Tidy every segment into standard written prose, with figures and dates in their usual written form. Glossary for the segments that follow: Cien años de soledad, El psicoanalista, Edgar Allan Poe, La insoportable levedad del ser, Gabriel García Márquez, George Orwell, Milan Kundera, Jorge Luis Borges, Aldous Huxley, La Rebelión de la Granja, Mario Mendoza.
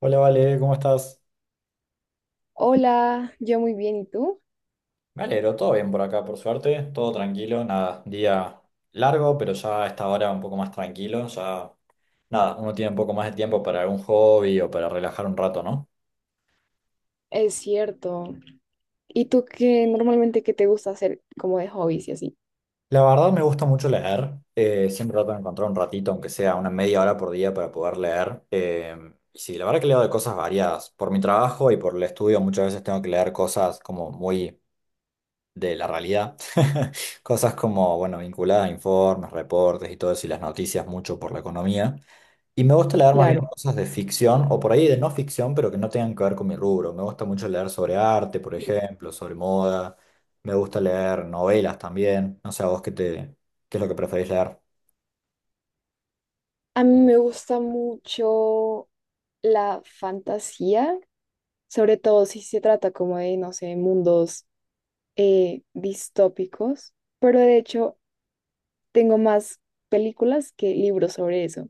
Hola, Vale, ¿cómo estás? Hola, yo muy bien, ¿y tú? Me alegro, todo bien por acá, por suerte, todo tranquilo, nada, día largo, pero ya a esta hora un poco más tranquilo, ya nada, uno tiene un poco más de tiempo para algún hobby o para relajar un rato, ¿no? Es cierto. ¿Y tú qué normalmente qué te gusta hacer como de hobbies y así? La verdad me gusta mucho leer, siempre trato de encontrar un ratito, aunque sea una media hora por día para poder leer. Y sí, la verdad que leo de cosas variadas, por mi trabajo y por el estudio muchas veces tengo que leer cosas como muy de la realidad. Cosas como, bueno, vinculadas a informes, reportes y todo eso, y las noticias mucho por la economía. Y me gusta leer más bien Claro. cosas de ficción o por ahí de no ficción, pero que no tengan que ver con mi rubro. Me gusta mucho leer sobre arte, por ejemplo, sobre moda. Me gusta leer novelas también. No sé, a vos qué te, qué es lo que preferís leer. A mí me gusta mucho la fantasía, sobre todo si se trata como de, no sé, mundos distópicos, pero de hecho tengo más películas que libros sobre eso.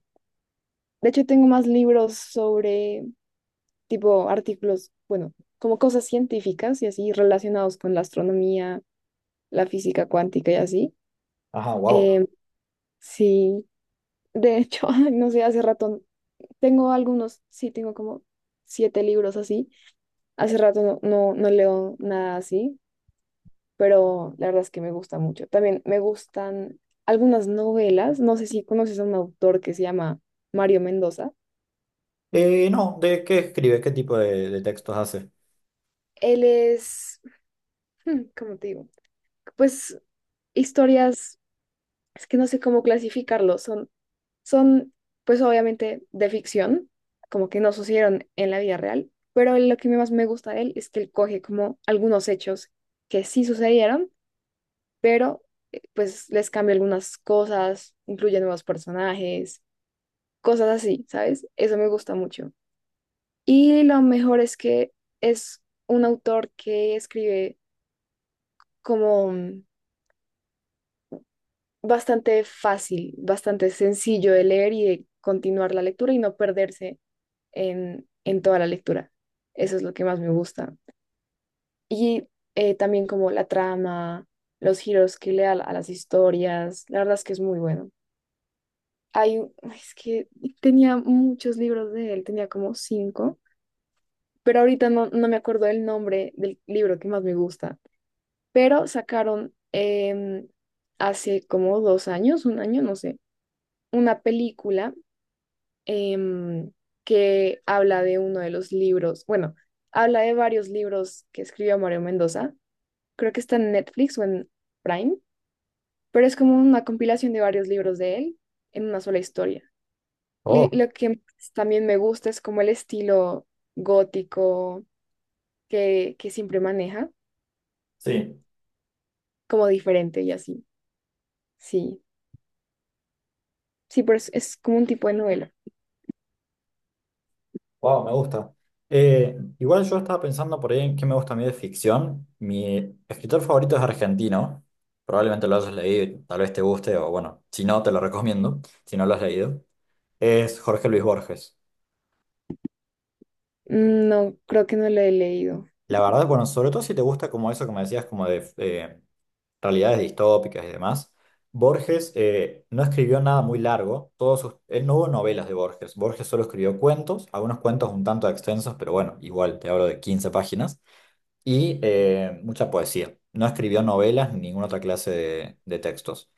De hecho tengo más libros sobre tipo artículos, bueno, como cosas científicas y así relacionados con la astronomía, la física cuántica y así. Ajá, wow. eh, sí, de hecho, ay, no sé, hace rato tengo algunos, sí, tengo como siete libros así. Hace rato no, no, no leo nada así, pero la verdad es que me gusta mucho. También me gustan algunas novelas. No sé si conoces a un autor que se llama Mario Mendoza. No, ¿de qué escribe? ¿Qué tipo de textos hace? Él es, ¿cómo te digo? Pues historias, es que no sé cómo clasificarlo, son, pues obviamente, de ficción, como que no sucedieron en la vida real, pero lo que más me gusta de él es que él coge como algunos hechos que sí sucedieron, pero pues les cambia algunas cosas, incluye nuevos personajes, cosas así, ¿sabes? Eso me gusta mucho. Y lo mejor es que es un autor que escribe como bastante fácil, bastante sencillo de leer y de continuar la lectura y no perderse en toda la lectura. Eso es lo que más me gusta. Y también como la trama, los giros que le da a las historias, la verdad es que es muy bueno. Es que tenía muchos libros de él, tenía como cinco, pero ahorita no, no me acuerdo el nombre del libro que más me gusta. Pero sacaron hace como 2 años, un año, no sé, una película em, que habla de uno de los libros, bueno, habla de varios libros que escribió Mario Mendoza, creo que está en Netflix o en Prime, pero es como una compilación de varios libros de él en una sola historia. Y Oh, lo que pues, también me gusta es como el estilo gótico que siempre maneja, sí. como diferente y así. Sí, sí, pero es como un tipo de novela. Wow, me gusta. Igual yo estaba pensando por ahí en qué me gusta a mí de ficción. Mi escritor favorito es argentino. Probablemente lo hayas leído y tal vez te guste, o bueno, si no, te lo recomiendo, si no lo has leído. Es Jorge Luis Borges. Mm, no, creo que no lo he leído. La verdad, bueno, sobre todo si te gusta como eso que me decías, como de realidades distópicas y demás. Borges no escribió nada muy largo. Él no hubo novelas de Borges. Borges solo escribió cuentos, algunos cuentos un tanto extensos, pero bueno, igual te hablo de 15 páginas. Y mucha poesía. No escribió novelas ni ninguna otra clase de textos.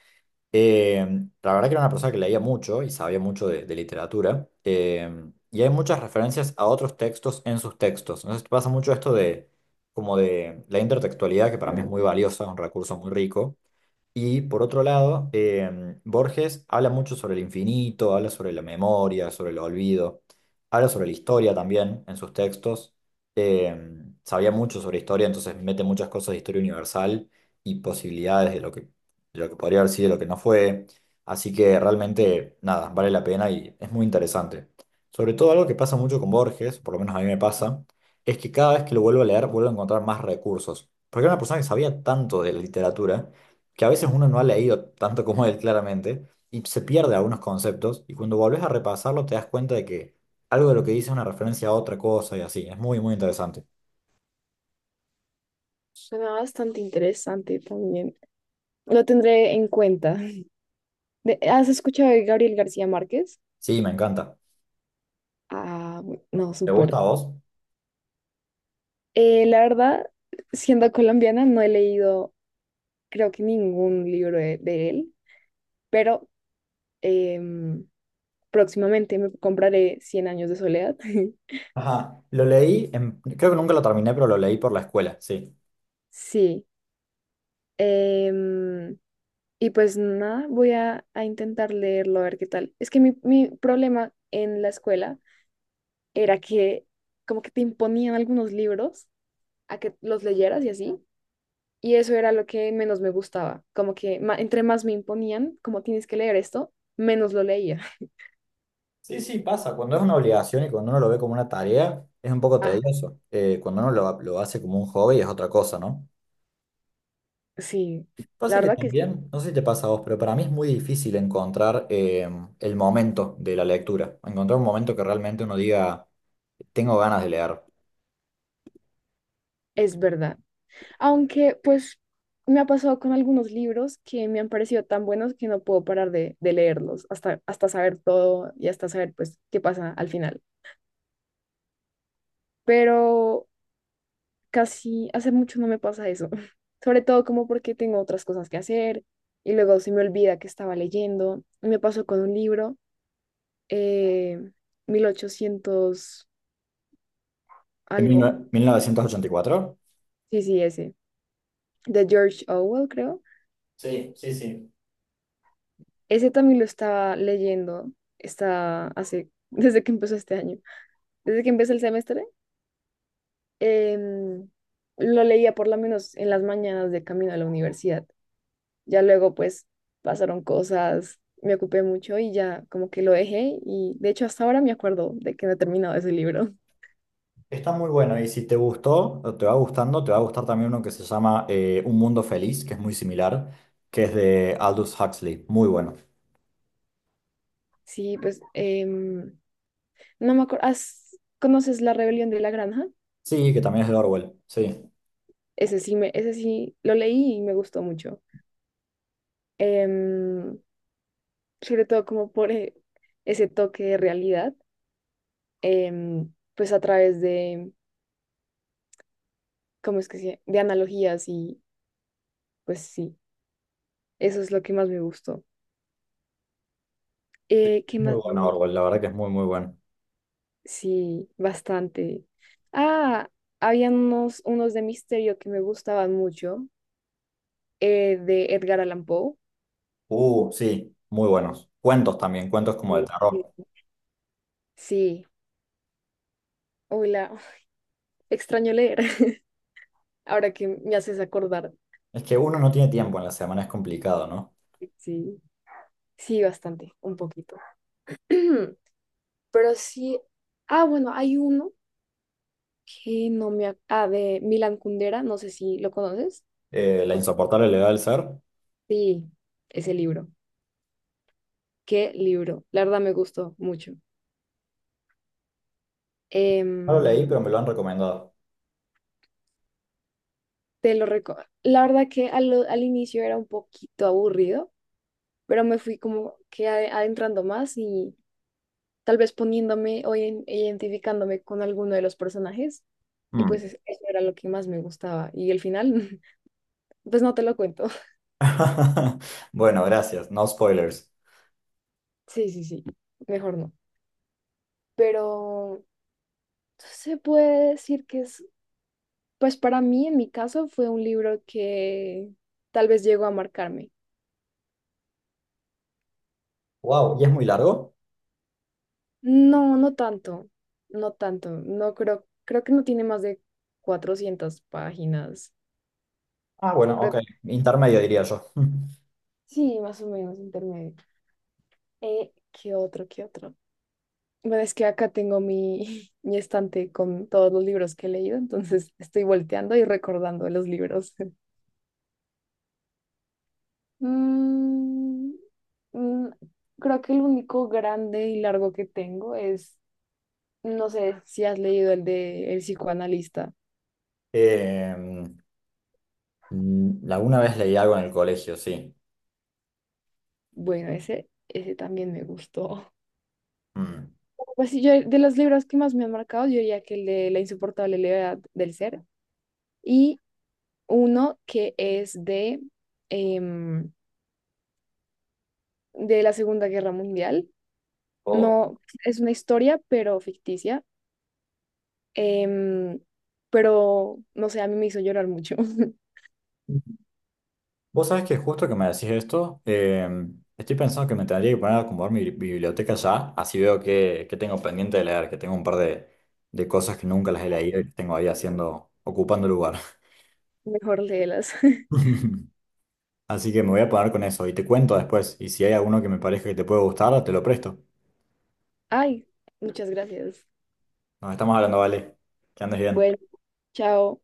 Eh, la verdad que era una persona que leía mucho y sabía mucho de literatura. Y hay muchas referencias a otros textos en sus textos. Entonces pasa mucho esto de como de la intertextualidad, que para mí es muy valiosa, un recurso muy rico y por otro lado, Borges habla mucho sobre el infinito, habla sobre la memoria, sobre el olvido, habla sobre la historia también en sus textos. Sabía mucho sobre historia, entonces mete muchas cosas de historia universal y posibilidades de lo que podría haber sido y lo que no fue. Así que realmente, nada, vale la pena y es muy interesante. Sobre todo algo que pasa mucho con Borges, por lo menos a mí me pasa, es que cada vez que lo vuelvo a leer, vuelvo a encontrar más recursos. Porque era una persona que sabía tanto de la literatura que a veces uno no ha leído tanto como él claramente y se pierde algunos conceptos y cuando volvés a repasarlo te das cuenta de que algo de lo que dice es una referencia a otra cosa y así. Es muy, muy interesante. Suena bastante interesante también. Lo tendré en cuenta. ¿Has escuchado de Gabriel García Márquez? Sí, me encanta. Ah, no, ¿Te gusta súper. a vos? La verdad, siendo colombiana, no he leído, creo que ningún libro de, él, pero em, próximamente me compraré Cien años de soledad. Ajá, lo leí, en- creo que nunca lo terminé, pero lo leí por la escuela, sí. Sí. Em, Y pues nada, voy a, intentar leerlo a ver qué tal. Es que mi problema en la escuela era que como que te imponían algunos libros a que los leyeras y así. Y eso era lo que menos me gustaba. Como que entre más me imponían, como tienes que leer esto, menos lo leía. Sí, sí, pasa. Cuando es una obligación y cuando uno lo ve como una tarea, es un poco Ah, tedioso. Cuando uno lo hace como un hobby es otra cosa, ¿no? sí, la Pasa que verdad que sí, también, no sé si te pasa a vos, pero para mí es muy difícil encontrar el momento de la lectura, encontrar un momento que realmente uno diga, tengo ganas de leer. es verdad. Aunque pues me ha pasado con algunos libros que me han parecido tan buenos que no puedo parar de, leerlos hasta saber todo y hasta saber pues qué pasa al final. Pero casi hace mucho no me pasa eso. Sobre todo como porque tengo otras cosas que hacer y luego se me olvida que estaba leyendo. Me pasó con un libro, eh, 1800 En algo, 1984. sí, sí, ese, de George Orwell, creo. Sí, sí, sí. Ese también lo estaba leyendo, está hace, desde que empezó este año, desde que empezó el semestre. em, lo leía por lo menos en las mañanas de camino a la universidad. Ya luego pues pasaron cosas, me ocupé mucho y ya como que lo dejé y de hecho hasta ahora me acuerdo de que no he terminado ese libro. Está muy bueno y si te gustó o te va gustando, te va a gustar también uno que se llama Un Mundo Feliz, que es muy similar, que es de Aldous Huxley, muy bueno. Sí, pues no me acuerdo, ¿conoces La Rebelión de la Granja? Sí, que también es de Orwell, sí, es Ese sí, me, ese sí lo leí y me gustó mucho. Em, Sobre todo como por ese toque de realidad, pues a través de, ¿cómo es que se? De analogías y pues sí, eso es lo que más me gustó. ¿Qué muy más me bueno gusta? Orwell, la verdad que es muy, muy bueno. Sí, bastante. Ah, habían unos de misterio que me gustaban mucho, de Edgar Allan Poe. Sí, muy buenos. Cuentos también, cuentos como de terror. porque- Sí, hola, extraño leer, ahora que me haces acordar. Es que uno no tiene tiempo en la semana, es complicado, ¿no? Sí, sí, bastante, un poquito. Pero sí, ah, bueno, hay uno que no me Ah, de Milan Kundera, no sé si lo conoces. La o- insoportable levedad del ser. Sí, ese libro. ¿Qué libro? La verdad me gustó mucho. No lo leí, Em, pero me lo han recomendado. Te lo recuerdo. La verdad que al, al inicio era un poquito aburrido, pero me fui como que ade- adentrando más y tal vez poniéndome o identificándome con alguno de los personajes. Y Mm. pues eso era lo que más me gustaba. Y el final, pues no te lo cuento. Bueno, gracias. No spoilers. Sí, sí, sí, mejor no. Pero se puede decir que es, pues para mí, en mi caso, fue un libro que tal vez llegó a marcarme. Wow, ¿y es muy largo? No, no tanto, no tanto, no creo, creo que no tiene más de 400 páginas, Ah, bueno, ok. creo, Intermedio diría yo. sí, más o menos intermedio. ¿Qué otro, qué otro? Bueno, es que acá tengo mi, mi estante con todos los libros que he leído, entonces estoy volteando y recordando los libros. Mm, mm, creo que el único grande y largo que tengo es, no sé si has leído el de El psicoanalista. Eh, alguna vez leí algo en el colegio, sí. Bueno, ese también me gustó. Mm. Pues sí, yo de los libros que más me han marcado, yo diría que el de La insoportable levedad del ser y uno que es de, em, de la Segunda Guerra Mundial. Oh. No, es una historia, pero ficticia. em, pero, no sé, a mí me hizo llorar mucho. Vos sabés que justo que me decís esto, estoy pensando que me tendría que poner a acomodar mi biblioteca ya, así veo que tengo pendiente de leer, que tengo un par de, cosas que nunca las he leído y que tengo ahí haciendo, ocupando lugar. Mejor léelas. Así que me voy a poner con eso y te cuento después, y si hay alguno que me parezca que te puede gustar, te lo presto. Ay, muchas gracias. Nos estamos hablando, vale. Que andes bien. Bueno, chao.